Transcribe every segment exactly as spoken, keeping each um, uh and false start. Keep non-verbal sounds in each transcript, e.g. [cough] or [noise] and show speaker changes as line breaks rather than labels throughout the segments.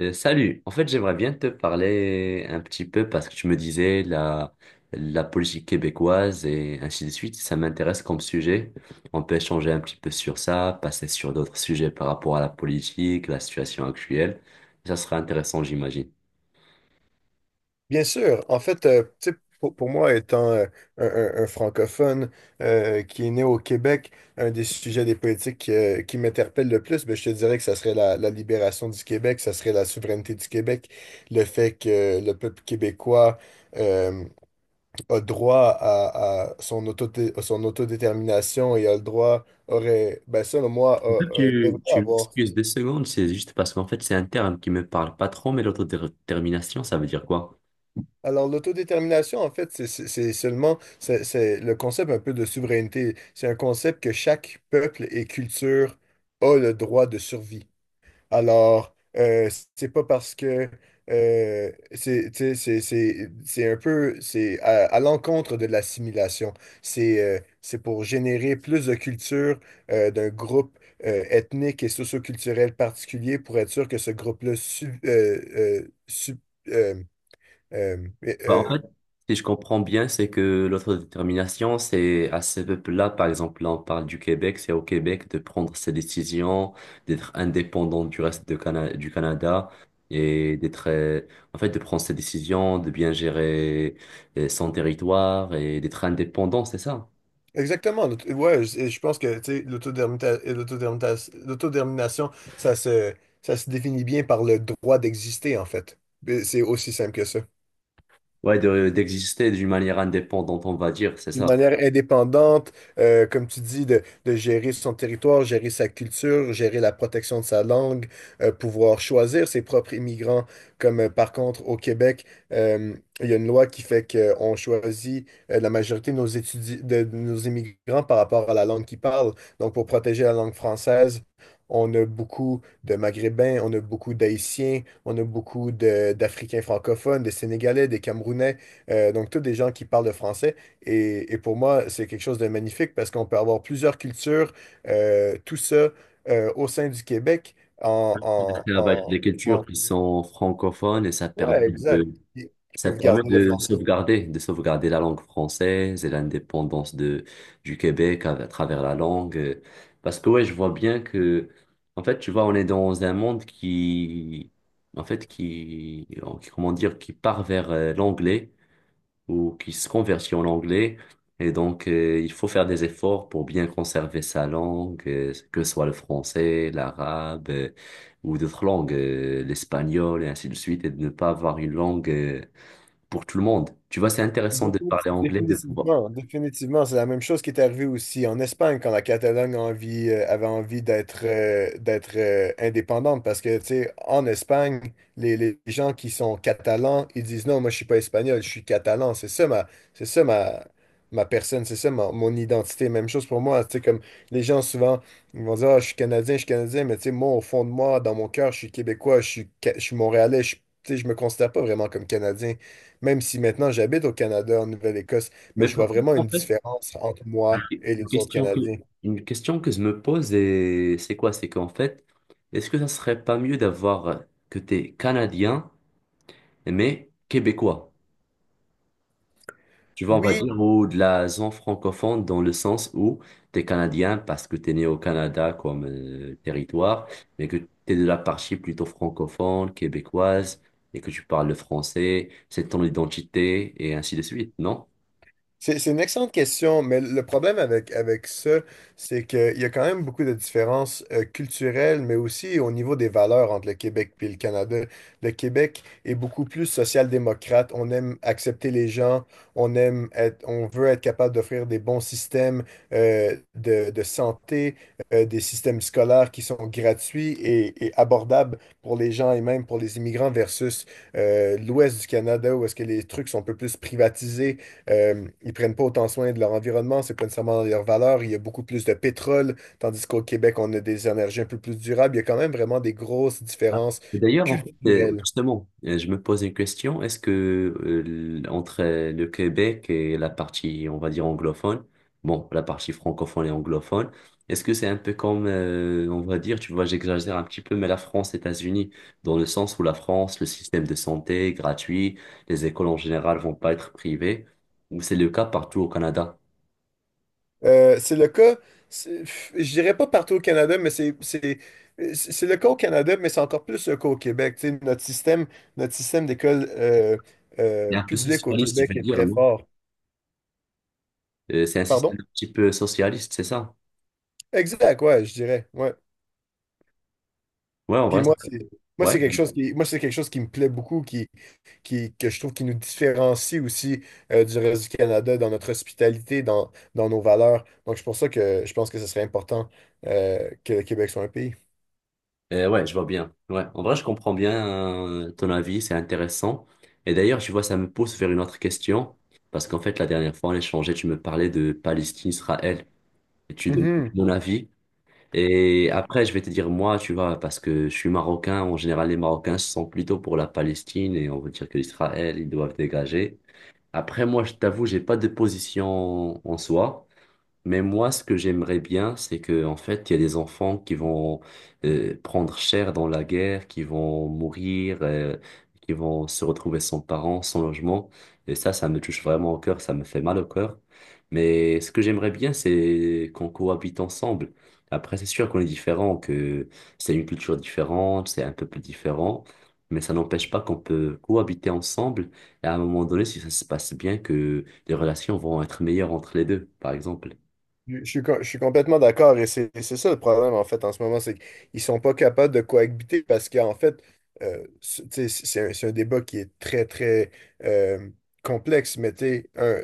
Euh, salut, en fait j'aimerais bien te parler un petit peu parce que tu me disais la, la politique québécoise et ainsi de suite, ça m'intéresse comme sujet. On peut échanger un petit peu sur ça, passer sur d'autres sujets par rapport à la politique, la situation actuelle. Ça serait intéressant, j'imagine.
Bien sûr. En fait, euh, tu sais, pour, pour moi, étant euh, un, un- un francophone euh, qui est né au Québec, un des sujets des politiques euh, qui m'interpelle le plus, ben, je te dirais que ça serait la, la libération du Québec, ça serait la souveraineté du Québec, le fait que le peuple québécois euh, a droit à, à son auto son autodétermination et a le droit, aurait, ben, selon moi, a- a-
Tu,
devrait
tu
avoir.
m'excuses deux secondes, c'est juste parce qu'en fait c'est un terme qui me parle pas trop, mais l'autodétermination, ça veut dire quoi?
Alors, l'autodétermination, en fait, c'est c'est- c'est seulement, c'est c'est le concept un peu de souveraineté. C'est un concept que chaque peuple et culture a le droit de survie. Alors, euh, c'est pas parce que euh, c'est, tu sais, c'est c'est- c'est un peu, c'est à, à l'encontre de l'assimilation. C'est euh, c'est pour générer plus de culture euh, d'un groupe euh, ethnique et socioculturel particulier pour être sûr que ce groupe-là sub- euh, euh, sub- euh, euh,
Bah, en fait, si je comprends bien, c'est que l'autodétermination, c'est à ce peuple-là, par exemple, là, on parle du Québec, c'est au Québec de prendre ses décisions, d'être indépendant du reste de Cana- du Canada et d'être, euh, en fait, de prendre ses décisions, de bien gérer euh, son territoire et d'être indépendant, c'est ça?
exactement. l'aut- Ouais, je, et je pense que, tu sais, l'autodermita- et l'autodétermination, ça se, ça se définit bien par le droit d'exister, en fait. Et c'est aussi simple que ça.
Ouais, de, d'exister d'une manière indépendante, on va dire, c'est
D'une
ça.
manière indépendante, euh, comme tu dis, de, de gérer son territoire, gérer sa culture, gérer la protection de sa langue, euh, pouvoir choisir ses propres immigrants. Comme euh, par contre au Québec, euh, il y a une loi qui fait qu'on choisit euh, la majorité de nos étudi- de, de nos immigrants par rapport à la langue qu'ils parlent. Donc pour protéger la langue française, on a beaucoup de Maghrébins, on a beaucoup d'Haïtiens, on a beaucoup de- d'Africains francophones, des Sénégalais, des Camerounais, euh, donc tous des gens qui parlent le français. Et, et pour moi, c'est quelque chose de magnifique parce qu'on peut avoir plusieurs cultures, euh, tout ça euh, au sein du Québec en,
Après,
en,
avec
en-
des cultures
en-
qui sont francophones et ça permet
ouais, exact.
de.
Ils ils
Ça
peuvent
permet
garder le
de
français.
sauvegarder, de sauvegarder la langue française et l'indépendance de, du Québec à, à travers la langue. euh, Parce que ouais, je vois bien que, en fait, tu vois, on est dans un monde qui, en fait, qui, qui- comment dire, qui part vers euh, l'anglais ou qui se convertit en anglais. Et donc, euh, il faut faire des efforts pour bien conserver sa langue, euh, que ce soit le français, l'arabe, euh, ou d'autres langues, euh, l'espagnol et ainsi de suite, et de ne pas avoir une langue euh, pour tout le monde. Tu vois, c'est intéressant de
Définitive-
parler anglais, de pouvoir.
Définitivement, définitivement, c'est la même chose qui est arrivée aussi en Espagne quand la Catalogne a envie- euh, avait envie d'être euh, d'être euh, indépendante parce que, tu sais, en Espagne, les, les gens qui sont catalans, ils disent non, moi je suis pas espagnol, je suis catalan, c'est ça ma, c'est ça ma, ma personne, c'est ça ma- mon identité. Même chose pour moi, tu sais, comme les gens souvent, ils vont dire: ah, je suis canadien, je suis canadien, mais tu sais, moi au fond de moi, dans mon cœur, je suis québécois, je suis, ca- je suis montréalais, je, suis- tu sais, je me considère pas vraiment comme canadien. Même si maintenant j'habite au Canada, en Nouvelle-Écosse, mais
Mais
je vois
par contre,
vraiment
en
une
fait,
différence entre moi et
une
les autres
question que,
Canadiens.
une question que je me pose, et c'est quoi? C'est qu'en fait, est-ce que ça serait pas mieux d'avoir euh, que t'es Canadien, mais Québécois? Tu vois, on va
Oui,
dire, ou de la zone francophone dans le sens où t'es Canadien parce que t'es né au Canada comme euh, territoire, mais que t'es de la partie plutôt francophone, québécoise, et que tu parles le français, c'est ton identité, et ainsi de suite, non?
C'est c'est une excellente question, mais le problème avec, avec ça, c'est qu'il y a quand même beaucoup de différences euh, culturelles, mais aussi au niveau des valeurs entre le Québec et le Canada. Le Québec est beaucoup plus social-démocrate. On aime accepter les gens, on aime être, on veut être capable d'offrir des bons systèmes euh, de, de santé, euh, des systèmes scolaires qui sont gratuits et, et abordables pour les gens et même pour les immigrants versus euh, l'ouest du Canada où est-ce que les trucs sont un peu plus privatisés, euh, ils prennent pas autant soin de leur environnement, c'est pas nécessairement dans leurs valeurs. Il y a beaucoup plus de pétrole, tandis qu'au Québec, on a des énergies un peu plus durables. Il y a quand même vraiment des grosses
Ah.
différences
Et d'ailleurs, en fait, euh,
culturelles.
justement, euh, je me pose une question. Est-ce que euh, l- entre euh, le Québec et la partie, on va dire, anglophone, bon, la partie francophone et anglophone, est-ce que c'est un peu comme, euh, on va dire, tu vois, j'exagère un petit peu, mais la France, États-Unis, dans le sens où la France, le système de santé est gratuit, les écoles en général vont pas être privées, ou c'est le cas partout au Canada?
Euh, c'est le cas, c'est- pff, je dirais pas partout au Canada, mais c'est c'est- euh, c'est- c'est le cas au Canada, mais c'est encore plus le cas au Québec. Tu sais, notre système, notre système d'école euh,
C'est
euh,
un peu
publique au
socialiste, je veux
Québec est
dire,
très
non?
fort.
Euh, c'est un
Pardon?
système un petit peu socialiste, c'est ça?
Exact, ouais, je dirais. Ouais.
Ouais, en
Puis
vrai, ça-
moi, c'est, moi
ouais.
c'est quelque chose qui, moi c'est quelque chose qui me plaît beaucoup, qui, qui que je trouve qui nous différencie aussi euh, du reste du Canada dans notre hospitalité, dans, dans nos valeurs. Donc c'est pour ça que je pense que ce serait important euh, que le Québec soit un pays.
Euh, ouais, je vois bien. Ouais, en vrai, je comprends bien euh, ton avis, c'est intéressant. Et d'ailleurs, tu vois, ça me pousse vers une autre question, parce qu'en fait, la dernière fois, on échangeait, tu me parlais de Palestine, Israël, et tu donnes
Mhm.
mon avis. Et après, je vais te dire moi, tu vois, parce que je suis marocain, en général, les Marocains se sont plutôt pour la Palestine, et on veut dire que l'Israël, ils doivent dégager. Après, moi, je t'avoue, j'ai pas de position en soi. Mais moi, ce que j'aimerais bien, c'est que en fait, il y a des enfants qui vont euh, prendre cher dans la guerre, qui vont mourir, euh, qui vont se retrouver sans parents, sans logement. Et ça, ça me touche vraiment au cœur, ça me fait mal au cœur. Mais ce que j'aimerais bien, c'est qu'on cohabite ensemble. Après, c'est sûr qu'on est différents, que c'est une culture différente, c'est un peuple différent, mais ça n'empêche pas qu'on peut cohabiter ensemble. Et à un moment donné, si ça se passe bien, que les relations vont être meilleures entre les deux, par exemple.
Je je suis, co- je suis complètement d'accord et c'est c'est ça le problème en fait en ce moment, c'est qu'ils sont pas capables de cohabiter parce qu'en fait, euh, c'est, tu sais, c'est c'est un, c'est un débat qui est très très euh, complexe, mais tu sais, un,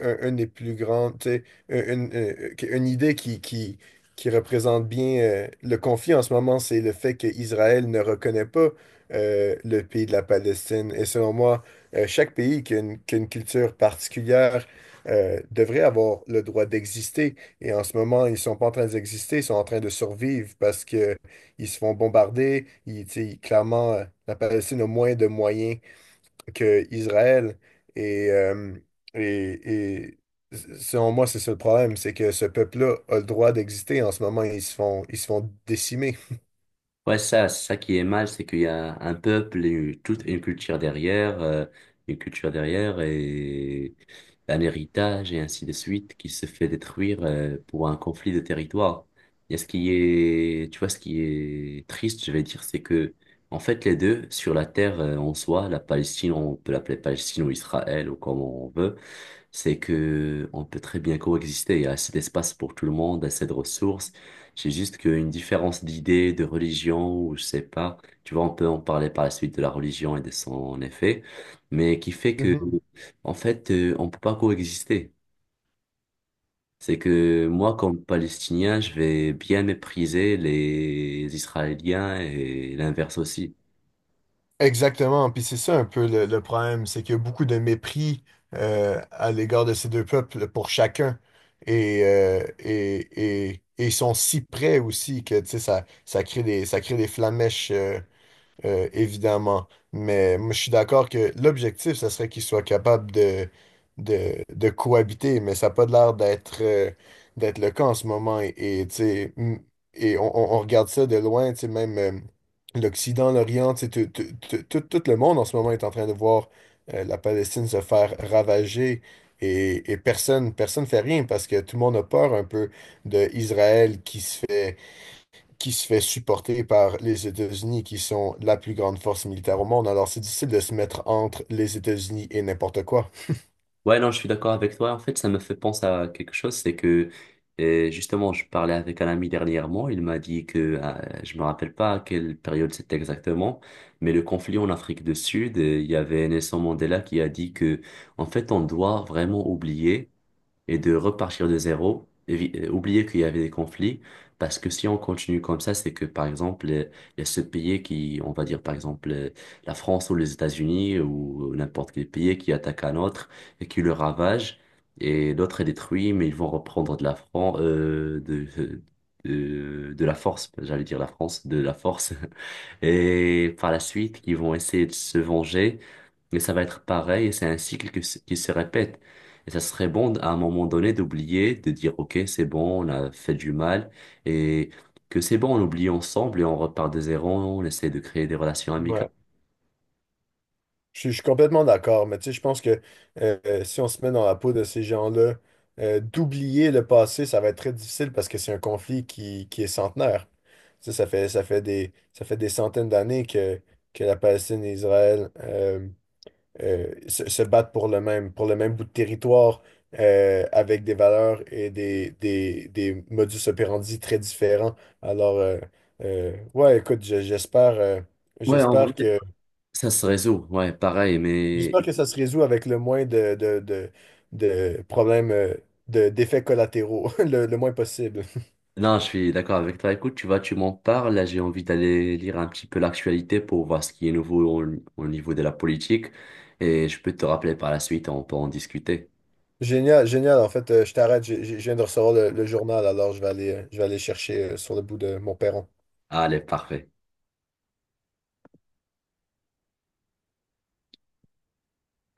un- un des plus grands, tu sais, une, une- une idée qui, qui, qui représente bien euh, le conflit en ce moment, c'est le fait qu'Israël ne reconnaît pas euh, le pays de la Palestine. Et selon moi, euh, chaque pays qui a une, qui a une culture particulière euh, devrait avoir le droit d'exister, et en ce moment, ils sont pas en train d'exister, ils sont en train de survivre parce que ils se font bombarder. Ils, tu sais, clairement, euh, la Palestine a moins de moyens que Israël. Et, euh, et, et selon moi, c'est ça le problème, c'est que ce peuple-là a le droit d'exister. En ce moment, ils se font, ils se font décimer.
Ouais, ça, c'est ça qui est mal, c'est qu'il y a un peuple et une- toute une culture derrière, euh, une culture derrière et un héritage et ainsi de suite qui se fait détruire, euh, pour un conflit de territoire. Et ce qui est, tu vois, ce qui est triste, je vais dire, c'est que, en fait, les deux, sur la terre, euh, en soi, la Palestine, on peut l'appeler Palestine ou Israël ou comme on veut, c'est que on peut très bien coexister. Il y a assez d'espace pour tout le monde, assez de ressources. C'est juste qu'une différence d'idées, de religion, ou je sais pas, tu vois, on peut en parler par la suite de la religion et de son effet, mais qui fait que, en fait, euh, on peut pas coexister. C'est que moi, comme Palestinien, je vais bien mépriser les Israéliens et l'inverse aussi.
Exactement, puis c'est ça un peu le, le problème, c'est qu'il y a beaucoup de mépris euh, à l'égard de ces deux peuples pour chacun. Et, euh, et, et, et ils sont si près aussi que, tu sais, ça, ça crée des, ça crée des flammèches euh, évidemment. Mais moi, je suis d'accord que l'objectif, ce serait qu'ils soient capables de, de, de cohabiter, mais ça n'a pas l'air d'être euh, d'être le cas en ce moment. Et, et, tu sais, mm, et on, on- on regarde ça de loin, tu sais, même euh, l'Occident, l'Orient, tu sais, tout, tout- tout- tout- tout le monde en ce moment est en train de voir euh, la Palestine se faire ravager. Et, et personne personne fait rien parce que tout le monde a peur un peu de Israël qui se fait qui se fait supporter par les États-Unis, qui sont la plus grande force militaire au monde. Alors, c'est difficile de se mettre entre les États-Unis et n'importe quoi.
Ouais, non, je suis d'accord avec toi. En fait, ça me fait penser à quelque chose, c'est que euh, justement, je parlais avec un ami dernièrement. Il m'a dit que euh, je me rappelle pas à quelle période c'était exactement, mais le conflit en Afrique du Sud, euh, il y avait Nelson Mandela qui a dit que en fait, on doit vraiment oublier et de repartir de zéro, évi- euh, oublier qu'il y avait des conflits, parce que si on continue comme ça, c'est que, par exemple, euh, il y a ce pays qui, on va dire, par exemple, euh, la France ou les États-Unis ou n'importe quel pays qui attaque un autre et qui le ravage, et l'autre est détruit, mais ils vont reprendre de la France, euh, de, euh, de, de la force, j'allais dire la France, de la force, [laughs] et par la suite, ils vont essayer de se venger. Et ça va être pareil, et c'est un cycle que se- qui se répète. Et ça serait bon à un moment donné d'oublier, de dire, OK, c'est bon, on a fait du mal, et que c'est bon, on oublie ensemble et on repart de zéro, on essaie de créer des relations amicales.
Ouais. Je, suis je suis complètement d'accord, mais tu sais, je pense que euh, euh, si on se met dans la peau de ces gens-là, euh, d'oublier le passé, ça va être très difficile parce que c'est un conflit qui, qui est centenaire. Tu sais, ça fait, ça fait des, ça fait des centaines d'années que, que la Palestine et Israël euh, euh, se, se battre pour le même, pour le même bout de territoire euh, avec des valeurs et des, des, des modus operandi très différents. Alors, euh, euh, ouais, écoute, je- j'espère, euh,
Ouais, en vrai.
j'espère que,
Ça se résout, ouais, pareil, mais
j'espère que ça se résout avec le moins de, de, de, de problèmes, euh, de, d'effets collatéraux, [laughs] le, le moins possible.
non, je suis d'accord avec toi. Écoute, tu vois, tu m'en parles, là, j'ai envie d'aller lire un petit peu l'actualité pour voir ce qui est nouveau au, au niveau de la politique, et je peux te rappeler par la suite, on peut en discuter.
Génial, génial. En fait, euh, je t'arrête, j'ai- j'ai- je viens de recevoir le, le journal, alors je vais aller, euh, je vais aller chercher euh, sur le bout de mon perron.
Allez, parfait.